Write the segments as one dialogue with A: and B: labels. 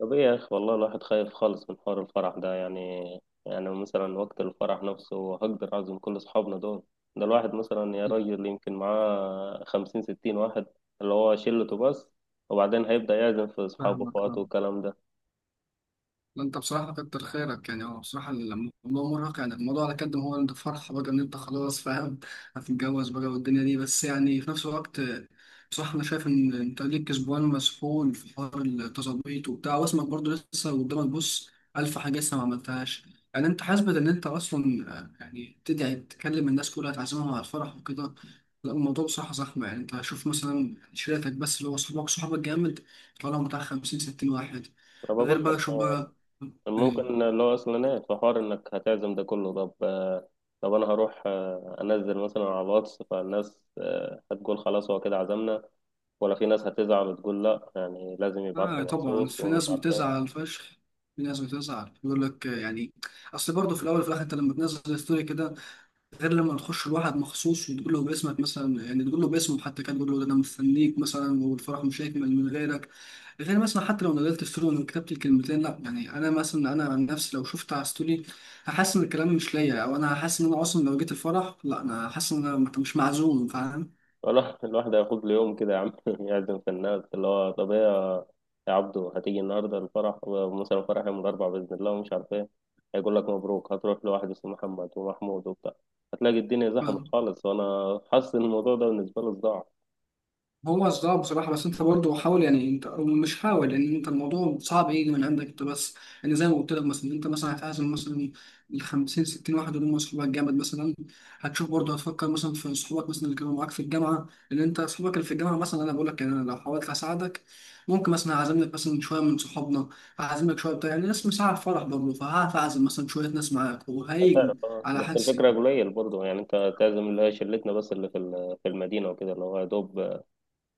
A: طب ايه يا اخي، والله الواحد خايف خالص من حوار الفرح ده يعني. يعني مثلا وقت الفرح نفسه هقدر اعزم كل اصحابنا دول؟ ده الواحد مثلا يا راجل يمكن معاه خمسين ستين واحد اللي هو شلته بس، وبعدين هيبدأ يعزم في اصحابه
B: فاهمك
A: واخواته
B: اه.
A: والكلام ده.
B: لا، انت بصراحة كتر خيرك. يعني هو بصراحة الموضوع مرهق. يعني الموضوع على قد ما هو، انت فرحة بقى ان انت خلاص فاهم، هتتجوز بقى والدنيا دي. بس يعني في نفس الوقت بصراحة انا شايف ان انت ليك اسبوعين مسحول في حوار التظبيط وبتاع، واسمك برضه لسه قدامك. بص، الف حاجة لسه ما عملتهاش. يعني انت حاسبة ان انت اصلا يعني تدعي تكلم الناس كلها تعزمهم على الفرح وكده. لا، الموضوع بصراحة زحمة. يعني انت شوف مثلا شريتك بس، اللي هو صحابك صحابك جامد. طالعوا بتاع 50 60 واحد.
A: انا
B: غير
A: بقول لك
B: بقى شوف
A: آه،
B: بقى. إيه.
A: ممكن اللي هو اصلا ايه في حوار انك هتعزم ده كله. طب آه، طب انا هروح آه، انزل مثلا على الواتس فالناس آه، هتقول خلاص هو كده عزمنا، ولا في ناس هتزعل وتقول لا، يعني لازم يبعت
B: آه
A: لي
B: طبعا
A: مخصوص
B: في ناس
A: ومش عارف إيه.
B: بتزعل فشخ. في ناس بتزعل يقول لك يعني اصل برضه في الاول وفي الاخر انت لما تنزل ستوري كده، غير لما تخش لواحد مخصوص وتقول له باسمك مثلا، يعني تقول له باسمه حتى، كان تقول له ده انا مستنيك مثلا، والفرح مش هيكمل من غيرك. غير مثلا حتى لو نزلت ستوري وكتبت الكلمتين، لا يعني انا مثلا، انا عن نفسي لو شفت على ستوري هحس ان الكلام مش ليا، او انا هحس ان انا اصلا لو جيت الفرح، لا انا هحس ان انا مش معزوم، فاهم؟
A: والله الواحد هياخد له يوم كده يا عم يعزم في الناس. اللي هو طب ايه يا عبدو، هتيجي النهارده الفرح، ومثلا الفرح يوم الاربعاء باذن الله، ومش عارف ايه. هيقول لك مبروك. هتروح لواحد اسمه محمد ومحمود وبتاع، هتلاقي الدنيا زحمت خالص، وانا حاسس ان الموضوع ده بالنسبه له صداع.
B: هو صعب بصراحة، بس أنت برضه حاول. يعني أنت، أو مش حاول، لأن أنت الموضوع صعب يجي من عندك أنت بس. يعني زي ما قلت لك مثلا، أنت مثلا هتعزم مثلا ال 50 60 واحد اللي هم صحابك جامد مثلا. هتشوف برضه، هتفكر مثلا في صحابك مثلا اللي كانوا معاك في الجامعة. لأن أنت صحابك اللي في الجامعة مثلا، أنا بقول لك يعني، أنا لو حاولت أساعدك ممكن مثلا أعزم لك مثلا شوية من صحابنا، أعزم لك شوية بتاع، يعني ناس مساعد فرح برضه، فهعرف أعزم مثلا شوية ناس معاك وهيجوا.
A: هتعرف اه،
B: على
A: بس الفكره
B: حدسي.
A: قليل برضه، يعني انت تعزم اللي هي شلتنا بس، اللي في المدينه وكده، اللي هو يا دوب،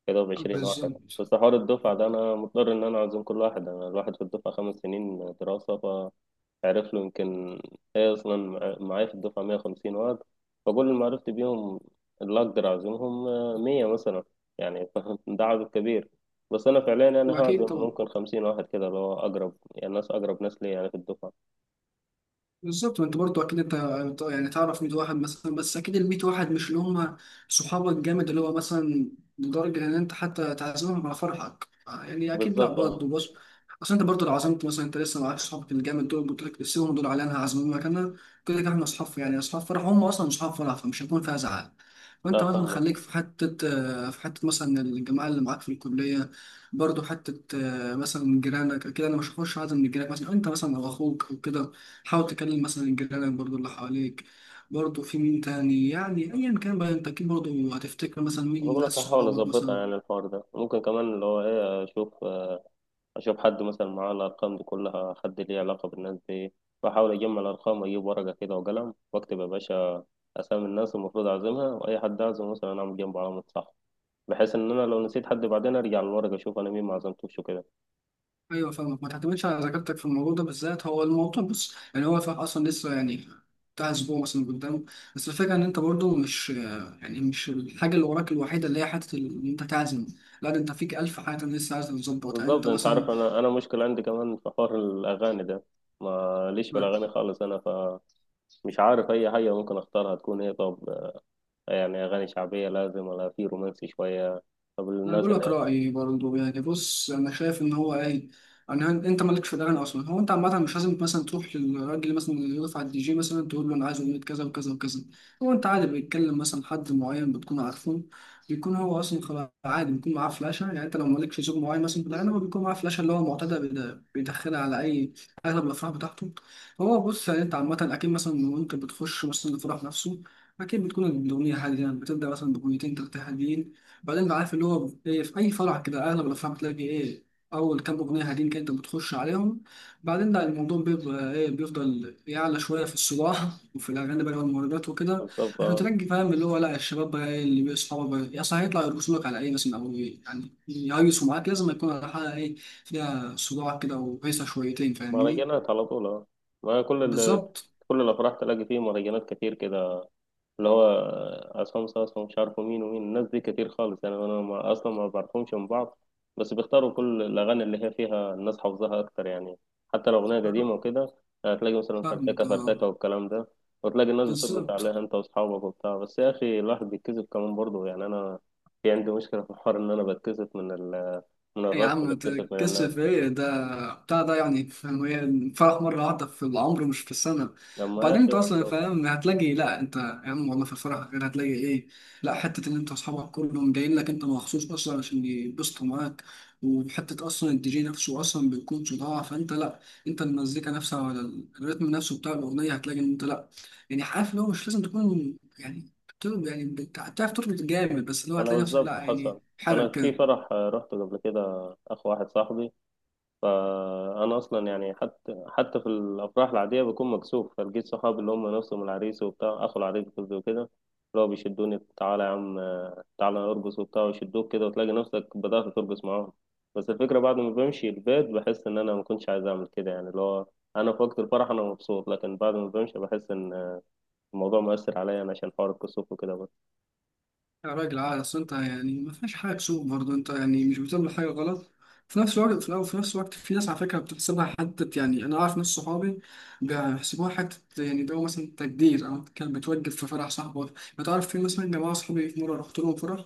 A: يا دوب 20 واحد.
B: بالظبط.
A: بس حوار الدفعه ده انا مضطر ان انا اعزم كل واحد، انا الواحد في الدفعه خمس سنين دراسه، عرف له يمكن. هي أصلا معايا في الدفعة 150 واد، فكل اللي معرفت بيهم، اللي أقدر أعزمهم آه، 100 مثلا يعني. فاهم؟ ده عدد كبير، بس أنا فعليا أنا
B: أكيد
A: هعزم
B: طبعا.
A: ممكن 50 واحد كده، اللي هو أقرب، يعني ناس أقرب ناس لي يعني في الدفعة.
B: بالظبط. وانت برضه اكيد انت يعني تعرف 100 واحد مثلا، بس اكيد ال 100 واحد مش اللي هم صحابك جامد اللي هو مثلا، لدرجه ان انت حتى تعزمهم على فرحك. يعني اكيد لا،
A: بالظبط أه.
B: برضه بص، اصل انت برضه لو عزمت مثلا، انت لسه معاك صحابك الجامد دول، قلت لك سيبهم دول على انا هعزمهم مكاننا. كده كده احنا اصحاب، يعني اصحاب فرح هم اصلا، اصحاب فرح فمش هيكون فيها زعل. وانت
A: لا
B: مثلا
A: فاهمك.
B: خليك في حته، في حته مثلا الجماعه اللي معاك في الكليه. برضه حته مثلا جيرانك كده. انا مش هخش اعزم من جيرانك مثلا، انت مثلا او اخوك او كده. حاول تكلم مثلا الجيران برضو اللي حواليك، برضو في مين تاني، يعني ايا كان بقى، انت اكيد برضو هتفتكر مثلا مين
A: بقول
B: ناس
A: لك هحاول
B: صحابك
A: أظبطها، يعني
B: مثلا.
A: الحوار ده ممكن كمان اللي هو إيه، أشوف آه، أشوف حد مثلا معاه الأرقام دي كلها، حد ليه علاقة بالناس دي. بحاول أجمع الأرقام وأجيب ورقة كده وقلم وأكتب يا باشا اسامي الناس المفروض اعزمها، واي حد اعزم مثلا اعمل جنبه علامه صح، بحيث ان انا لو نسيت حد بعدين ارجع للورقه اشوف انا مين ما عزمتوش وكده.
B: ايوه فاهمك، ما تعتمدش على ذاكرتك في الموضوع ده بالذات. هو الموضوع بص، يعني هو فاهم اصلا لسه، يعني بتاع اسبوع مثلا قدام. بس الفكره ان انت برضو مش، يعني مش الحاجه اللي وراك الوحيده اللي هي حته ان انت تعزم. لا، ده انت فيك الف حاجه لسه عايز تظبطها
A: بالظبط.
B: انت
A: انت
B: مثلا.
A: عارف انا مشكله عندي كمان في حوار الاغاني ده. ما ليش في الاغاني خالص انا، فمش عارف اي حاجه ممكن اختارها تكون ايه. طب يعني اغاني شعبيه لازم ولا في رومانسي شويه؟ طب
B: انا
A: الناس
B: بقول
A: اللي
B: لك
A: هي
B: رايي برضه، يعني بص انا شايف ان هو ايه، انت مالكش في الاغاني اصلا. هو انت عامه مش لازم مثلا تروح للراجل مثلا اللي يقف على الدي جي مثلا تقول له انا عايز اغنيه كذا وكذا وكذا. هو انت عادي، بيتكلم مثلا حد معين بتكون عارفه، بيكون هو اصلا خلاص عادي، بيكون معاه فلاشه. يعني انت لو مالكش ذوق معين مثلا في الاغاني، هو بيكون معاه فلاشه اللي هو معتاد بيدخلها على اي اغلب الافراح بتاعته. هو بص، يعني انت عامه اكيد مثلا وانت بتخش مثلا الفرح نفسه، أكيد بتكون الأغنية هادية، يعني بتبدأ مثلا بأغنيتين تلاتة هاديين. بعدين بقى عارف اللي هو إيه، في أي فرع كده أغلب الأفراح بتلاقي إيه أول كام أغنية هادين كده أنت بتخش عليهم. بعدين لا، الموضوع بيبقى إيه، بيفضل يعلى شوية في الصباح وفي الأغاني بقى والمهرجانات وكده.
A: بالظبط
B: عشان
A: آه.
B: ترجي فاهم اللي هو لا، الشباب بقى إيه اللي بيصحوا بقى يا صاحبي يطلع يرقصوا لك على إيه مثلا، أو إيه يعني يهيصوا معاك، لازم يكون على حاجة إيه فيها صداع كده وهيصة شويتين، فاهمني؟
A: مهرجانات على طول آه. ما كل ال...
B: بالظبط.
A: كل الافراح تلاقي فيه مهرجانات كتير كده، اللي هو عصام صاصا ومش عارفه مين ومين. الناس دي كتير خالص يعني، انا ما اصلا ما بعرفهمش من بعض. بس بيختاروا كل الاغاني اللي هي فيها الناس حافظاها اكتر يعني، حتى لو اغنيه
B: أه،
A: قديمه وكده. هتلاقي مثلا
B: فاهمك.
A: فرتكه
B: أه
A: فرتكه والكلام ده، وتلاقي الناس بتربط
B: بالظبط.
A: عليها انت واصحابك وبتاع. بس يا اخي الواحد بيتكسف كمان برضه، يعني انا في عندي مشكله في الحوار، ان انا بتكسف من ال، من
B: يا
A: الرقص،
B: عم
A: بتكسف من
B: تكسف
A: الناس.
B: ايه؟ ده بتاع ده يعني فاهم ايه؟ الفرح مرة واحدة في العمر مش في السنة.
A: لما يا
B: وبعدين
A: اخي
B: انت اصلا
A: برضه،
B: فاهم هتلاقي لا، انت يا عم والله في الفرح غير هتلاقي ايه، لا حتة ان انت اصحابك كلهم جايين لك انت مخصوص اصلا عشان يبسطوا معاك. وحتة اصلا الدي جي نفسه اصلا بيكون صداع، فانت لا انت المزيكا نفسها ولا الريتم نفسه بتاع الاغنية هتلاقي ان انت لا، يعني عارف اللي هو مش لازم تكون يعني يعني بتعرف تربط جامد، بس اللي هو
A: انا
B: هتلاقي نفسك لا،
A: بالظبط
B: يعني
A: حصل. انا
B: حرك
A: في
B: كده.
A: فرح آه، رحت قبل كده اخو واحد صاحبي. فانا اصلا يعني حتى في الافراح العاديه بكون مكسوف، فلقيت صحابي اللي هم نفسهم العريس وبتاع، اخو العريس قصدي وكده، اللي هو بيشدوني تعالى يا عم آه، تعالى ارقص وبتاع، ويشدوك كده، وتلاقي نفسك بدات ترقص معاهم. بس الفكره بعد ما بمشي البيت بحس ان انا ما كنتش عايز اعمل كده، يعني اللي هو انا في وقت الفرح انا مبسوط، لكن بعد ما بمشي بحس ان الموضوع مؤثر عليا انا عشان حوار الكسوف وكده بس.
B: يا راجل عادي، اصل انت يعني ما فيهاش حاجه تسوق برضه، انت يعني مش بتعمل حاجه غلط. في نفس الوقت في نفس الوقت في ناس على فكره بتحسبها حته. يعني انا اعرف ناس صحابي بيحسبوها حته، يعني ده هو مثلا تقدير، او كان بتوجب في فرح صاحبه. ما تعرف، في مثلا جماعه صحابي في مره رحت لهم فرح،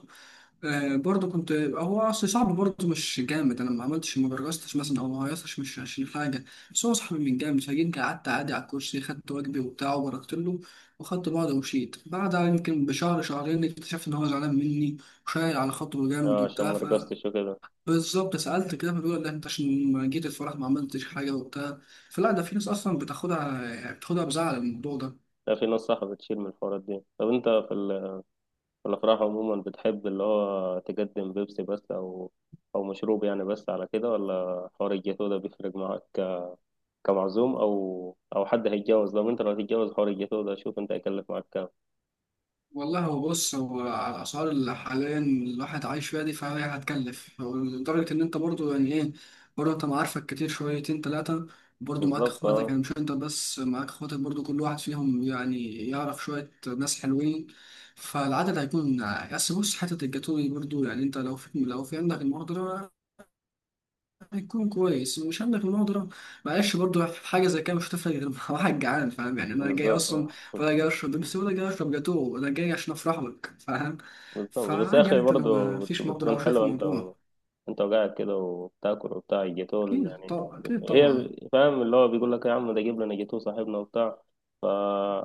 B: برضه كنت هو اصل صعب برضه مش جامد. انا ما عملتش ما برجستش مثلا او ما هيصش، مش عشان حاجه، بس هو صاحبي من جامد. فجيت قعدت عادي على الكرسي، خدت واجبي وبتاع وبركت له وخدت بعضه ومشيت. بعدها يمكن بشهر شهرين اكتشفت ان هو زعلان مني وشايل على خاطره جامد
A: اه عشان
B: وبتاع.
A: ما
B: ف
A: رقصتش وكده.
B: بالظبط سألت كده، فبيقول لا انت عشان ما جيت الفرح ما عملتش حاجه وبتاع. فلا ده في ناس اصلا بتاخدها، يعني بتاخدها بزعل الموضوع ده.
A: لا في ناس صح بتشيل من الحوارات دي. طب انت في ال الأفراح عموما بتحب اللي هو تقدم بيبسي بس، أو أو مشروب يعني بس على كده، ولا حوار الجاتو ده بيفرق معاك كمعزوم، أو أو حد هيتجوز؟ لو أنت لو هتتجوز حوار الجاتو ده، شوف أنت هيكلف معاك كام.
B: والله هو بص، هو على الأسعار اللي حاليا الواحد عايش فيها دي، فهي هتكلف. هو لدرجة إن أنت برضو يعني إيه، برضو أنت معارفك كتير شويتين تلاتة، برضو معاك
A: بالظبط
B: إخواتك،
A: أه.
B: يعني مش أنت بس، معاك إخواتك برضو كل واحد فيهم يعني يعرف شوية ناس حلوين، فالعدد هيكون. بس بص، حتة الجاتوه دي برضو، يعني أنت لو في، لو في عندك المقدرة هيكون كويس، ومش عندك المقدرة معلش. برضو في حاجة زي كده مش هتفرق، غير مع واحد جعان، فاهم؟ يعني أنا جاي
A: بالظبط
B: أصلا
A: أه.
B: ولا جاي أشرب بيبسي، ولا جاي أشرب جاتوه؟ أنا جاي عشان أفرح لك، فاهم؟
A: بالظبط. بس يا
B: فعادي يعني
A: أخي
B: أنت لو
A: برضه
B: ما فيش مقدرة أو
A: بتكون
B: شايف
A: حلوة أنت
B: الموضوع.
A: و... أنت وقاعد كده وبتاكل وبتاع الجاتو
B: أكيد
A: يعني
B: طبعا، أكيد
A: هي،
B: طبعا.
A: فاهم اللي هو بيقول لك يا عم ده جيب لنا جاتو صاحبنا وبتاع. فا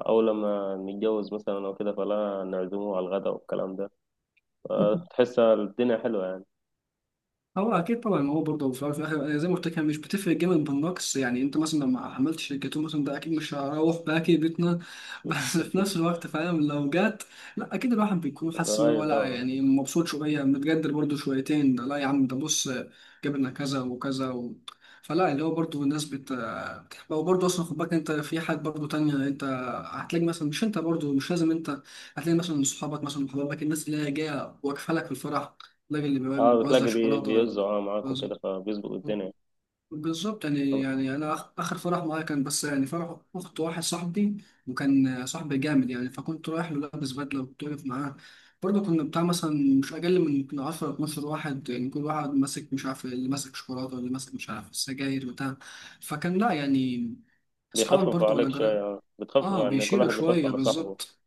A: أول لما نتجوز مثلا أو كده، فلا نعزمه على الغداء والكلام ده، تحس الدنيا حلوة يعني.
B: هو اكيد طبعا، ما هو برضه في الأول وفي الاخر، أنا زي ما قلت لك هي مش بتفرق جامد بالنقص. يعني انت مثلا لما عملت شركتين مثلا، ده اكيد مش هروح باكي بيتنا. بس في نفس الوقت فاهم لو جت، لا اكيد الواحد بيكون حاسس ان
A: أيوة
B: هو لا،
A: طبعا.
B: يعني مبسوط شويه، متقدر برضه شويتين. ده لا يا عم، ده بص جبنا كذا وكذا و. فلا اللي هو برضه الناس هو برضه اصلا خد بالك انت في حاجات برضه تانية. انت هتلاقي مثلا مش انت برضه، مش لازم انت هتلاقي مثلا صحابك مثلا وحبايبك الناس اللي هي جايه واقفه لك في الفرح، الراجل اللي
A: اه
B: بيوزع
A: بتلاقي
B: شوكولاته ولا
A: بيوزعوا اه معاك
B: بيوزع.
A: وكده، فبيظبط الدنيا.
B: بالظبط يعني، يعني انا اخر فرح معايا كان بس يعني فرح اخت واحد صاحبي، وكان صاحبي جامد. يعني فكنت رايح له لابس بدله وكنت واقف معاه. برضه كنا بتاع مثلا مش اقل من يمكن 10 12 واحد. يعني كل واحد ماسك، مش عارف اللي ماسك شوكولاته واللي ماسك مش عارف سجاير بتاع. فكان لا يعني، اصحابك
A: بيخففوا
B: برضه ولا
A: عليك
B: جرى.
A: شوية. بتخفف
B: اه
A: عن كل
B: بيشيلوا
A: واحد بيخفف
B: شويه،
A: على صاحبه.
B: بالظبط.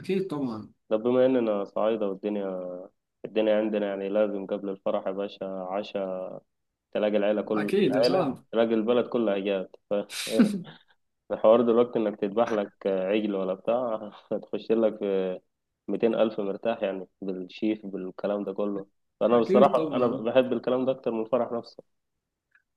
B: اكيد طبعا.
A: طب بما إننا صعايدة، والدنيا الدنيا عندنا يعني لازم قبل الفرح يا باشا عشاء، تلاقي العيلة، كل
B: اكيد
A: العيلة،
B: صعب.
A: تلاقي البلد كلها جات ف... الحوار دلوقتي إنك تذبح لك عجل ولا بتاع. هتخش لك في 200 ألف مرتاح يعني، بالشيف بالكلام ده كله. فأنا
B: اكيد
A: بصراحة أنا
B: طبعا.
A: بحب الكلام ده أكتر من الفرح نفسه.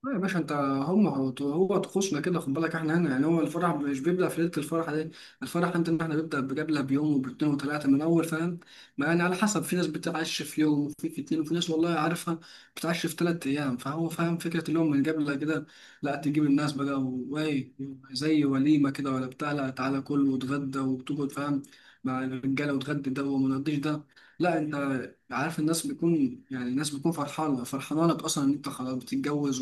B: لا يا باشا انت، هم هو طقوسنا كده. خد بالك احنا هنا يعني هو الفرح مش بيبدأ في ليلة الفرح دي. الفرح انت ان احنا بيبدأ بجبلة بيوم وباتنين وتلاتة من اول، فاهم؟ ما يعني على حسب، في ناس بتعش في يوم، وفي اتنين، وفي ناس والله عارفها بتعش في تلات ايام. فهو فاهم فكرة اليوم من جبلة كده، لا تجيب الناس بقى. وايه؟ زي وليمة كده ولا بتاع، لا تعالى كل وتغدى وتقعد، فاهم؟ مع الرجالة، وتغدي ده وما نقضيش ده. لا، انت عارف الناس بيكون يعني، الناس بتكون فرحانة فرحانة لك أصلا إن أنت خلاص بتتجوز.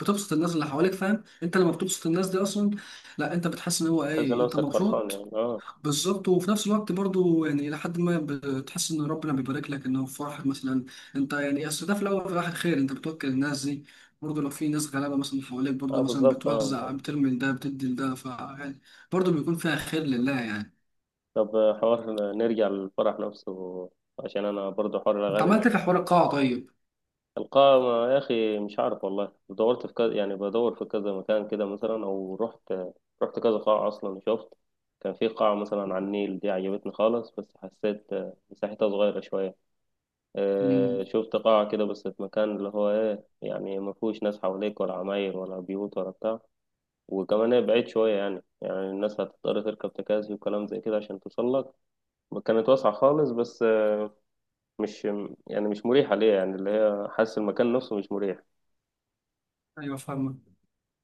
B: بتبسط الناس اللي حواليك، فاهم؟ انت لما بتبسط الناس دي اصلا، لا انت بتحس ان هو
A: تحس
B: ايه، انت
A: نفسك فرحان
B: مبسوط.
A: يعني اه.
B: بالظبط. وفي نفس الوقت برضو يعني لحد ما بتحس ان ربنا بيبارك لك انه في فرحك مثلا انت، يعني اصل ده في الاول وفي الاخر خير، انت بتوكل الناس دي. برضه لو في ناس غلابه مثلا حواليك،
A: اه
B: برضه مثلا
A: بالظبط اه.
B: بتوزع بترمي لده بتدي لده، ف يعني برضه بيكون فيها خير لله يعني.
A: طب حوار نرجع للفرح نفسه، عشان انا برضو حوار
B: انت
A: الاغاني ده.
B: عملت إيه في حوار القاعه طيب؟
A: القائمة يا اخي مش عارف والله. دورت في كذا، يعني بدور في كذا مكان كده مثلا، او رحت رحت كذا قاعة اصلا، شفت كان في قاعة مثلا على النيل دي عجبتني خالص، بس حسيت آه، مساحتها صغيرة شوية. آه،
B: امم.
A: شفت قاعة كده بس في مكان اللي هو ايه، يعني ما فيهوش ناس حواليك، ولا عماير ولا بيوت ولا بتاع، وكمان هي بعيد شوية يعني، يعني الناس هتضطر تركب تكاسي وكلام زي كده عشان توصل لك. كانت واسعة خالص بس، مش، يعني مش مريحة ليا، يعني اللي هي حاسس المكان نفسه مش مريح.
B: ايوه فاهمك.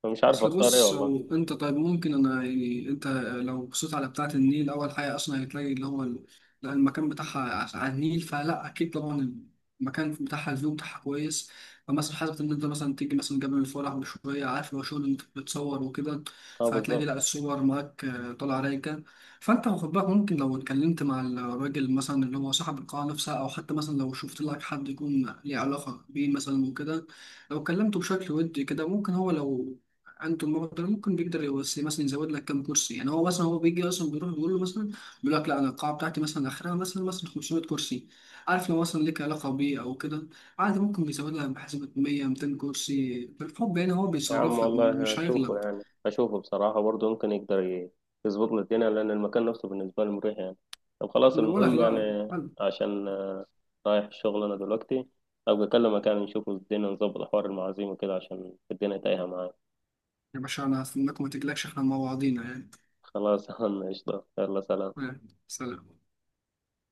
A: فمش عارف
B: اصل
A: اختار ايه
B: بص،
A: والله.
B: او انت طيب ممكن انا يعني انت لو بصيت على بتاعة النيل، اول حاجة اصلا هتلاقي اللي هو لا المكان بتاعها على النيل، فلا اكيد طبعا المكان بتاعها الفيو بتاعها كويس. فمثلا حاجة ان انت مثلا تيجي مثلا جبل الفرح بشوية، عارف لو شغل انت بتصور وكده
A: اه
B: فهتلاقي
A: بالظبط.
B: لا الصور معاك طالعة رايقة. فانت واخد بالك، ممكن لو اتكلمت مع الراجل مثلا اللي هو صاحب القاعة نفسها، او حتى مثلا لو شفت لك حد يكون ليه علاقة بيه مثلا وكده، لو كلمته بشكل ودي كده ممكن هو، لو عنده المبلغ ده ممكن بيقدر يوصي مثلا يزود لك كام كرسي. يعني هو مثلا هو بيجي اصلا، بيروح بيقول له مثلا، بيقول لك لا انا القاعه بتاعتي مثلا اخرها مثلا 500 كرسي. عارف لو مثلا ليك علاقه بيه او كده، عادي ممكن بيزود لك، بحسبه 100 200 كرسي بالحب. يعني هو
A: يا عم
B: بيصرف لك
A: والله
B: مش
A: هشوفه،
B: هيغلب.
A: يعني هشوفه بصراحة برضه، ممكن يقدر يظبط لي الدنيا، لأن المكان نفسه بالنسبة لي مريح يعني. طب خلاص
B: ما انا بقول لك
A: المهم
B: لا
A: يعني،
B: حلو.
A: عشان رايح الشغل أنا دلوقتي، أبقى أكلم مكان نشوفه، الدنيا نظبط حوار المعازيم وكده، عشان الدنيا تايهة معايا.
B: يا باشا انا هستناك وما تجلكش، احنا مع بعضينا يعني.
A: خلاص. يا عم قشطة، يلا سلام.
B: سلام.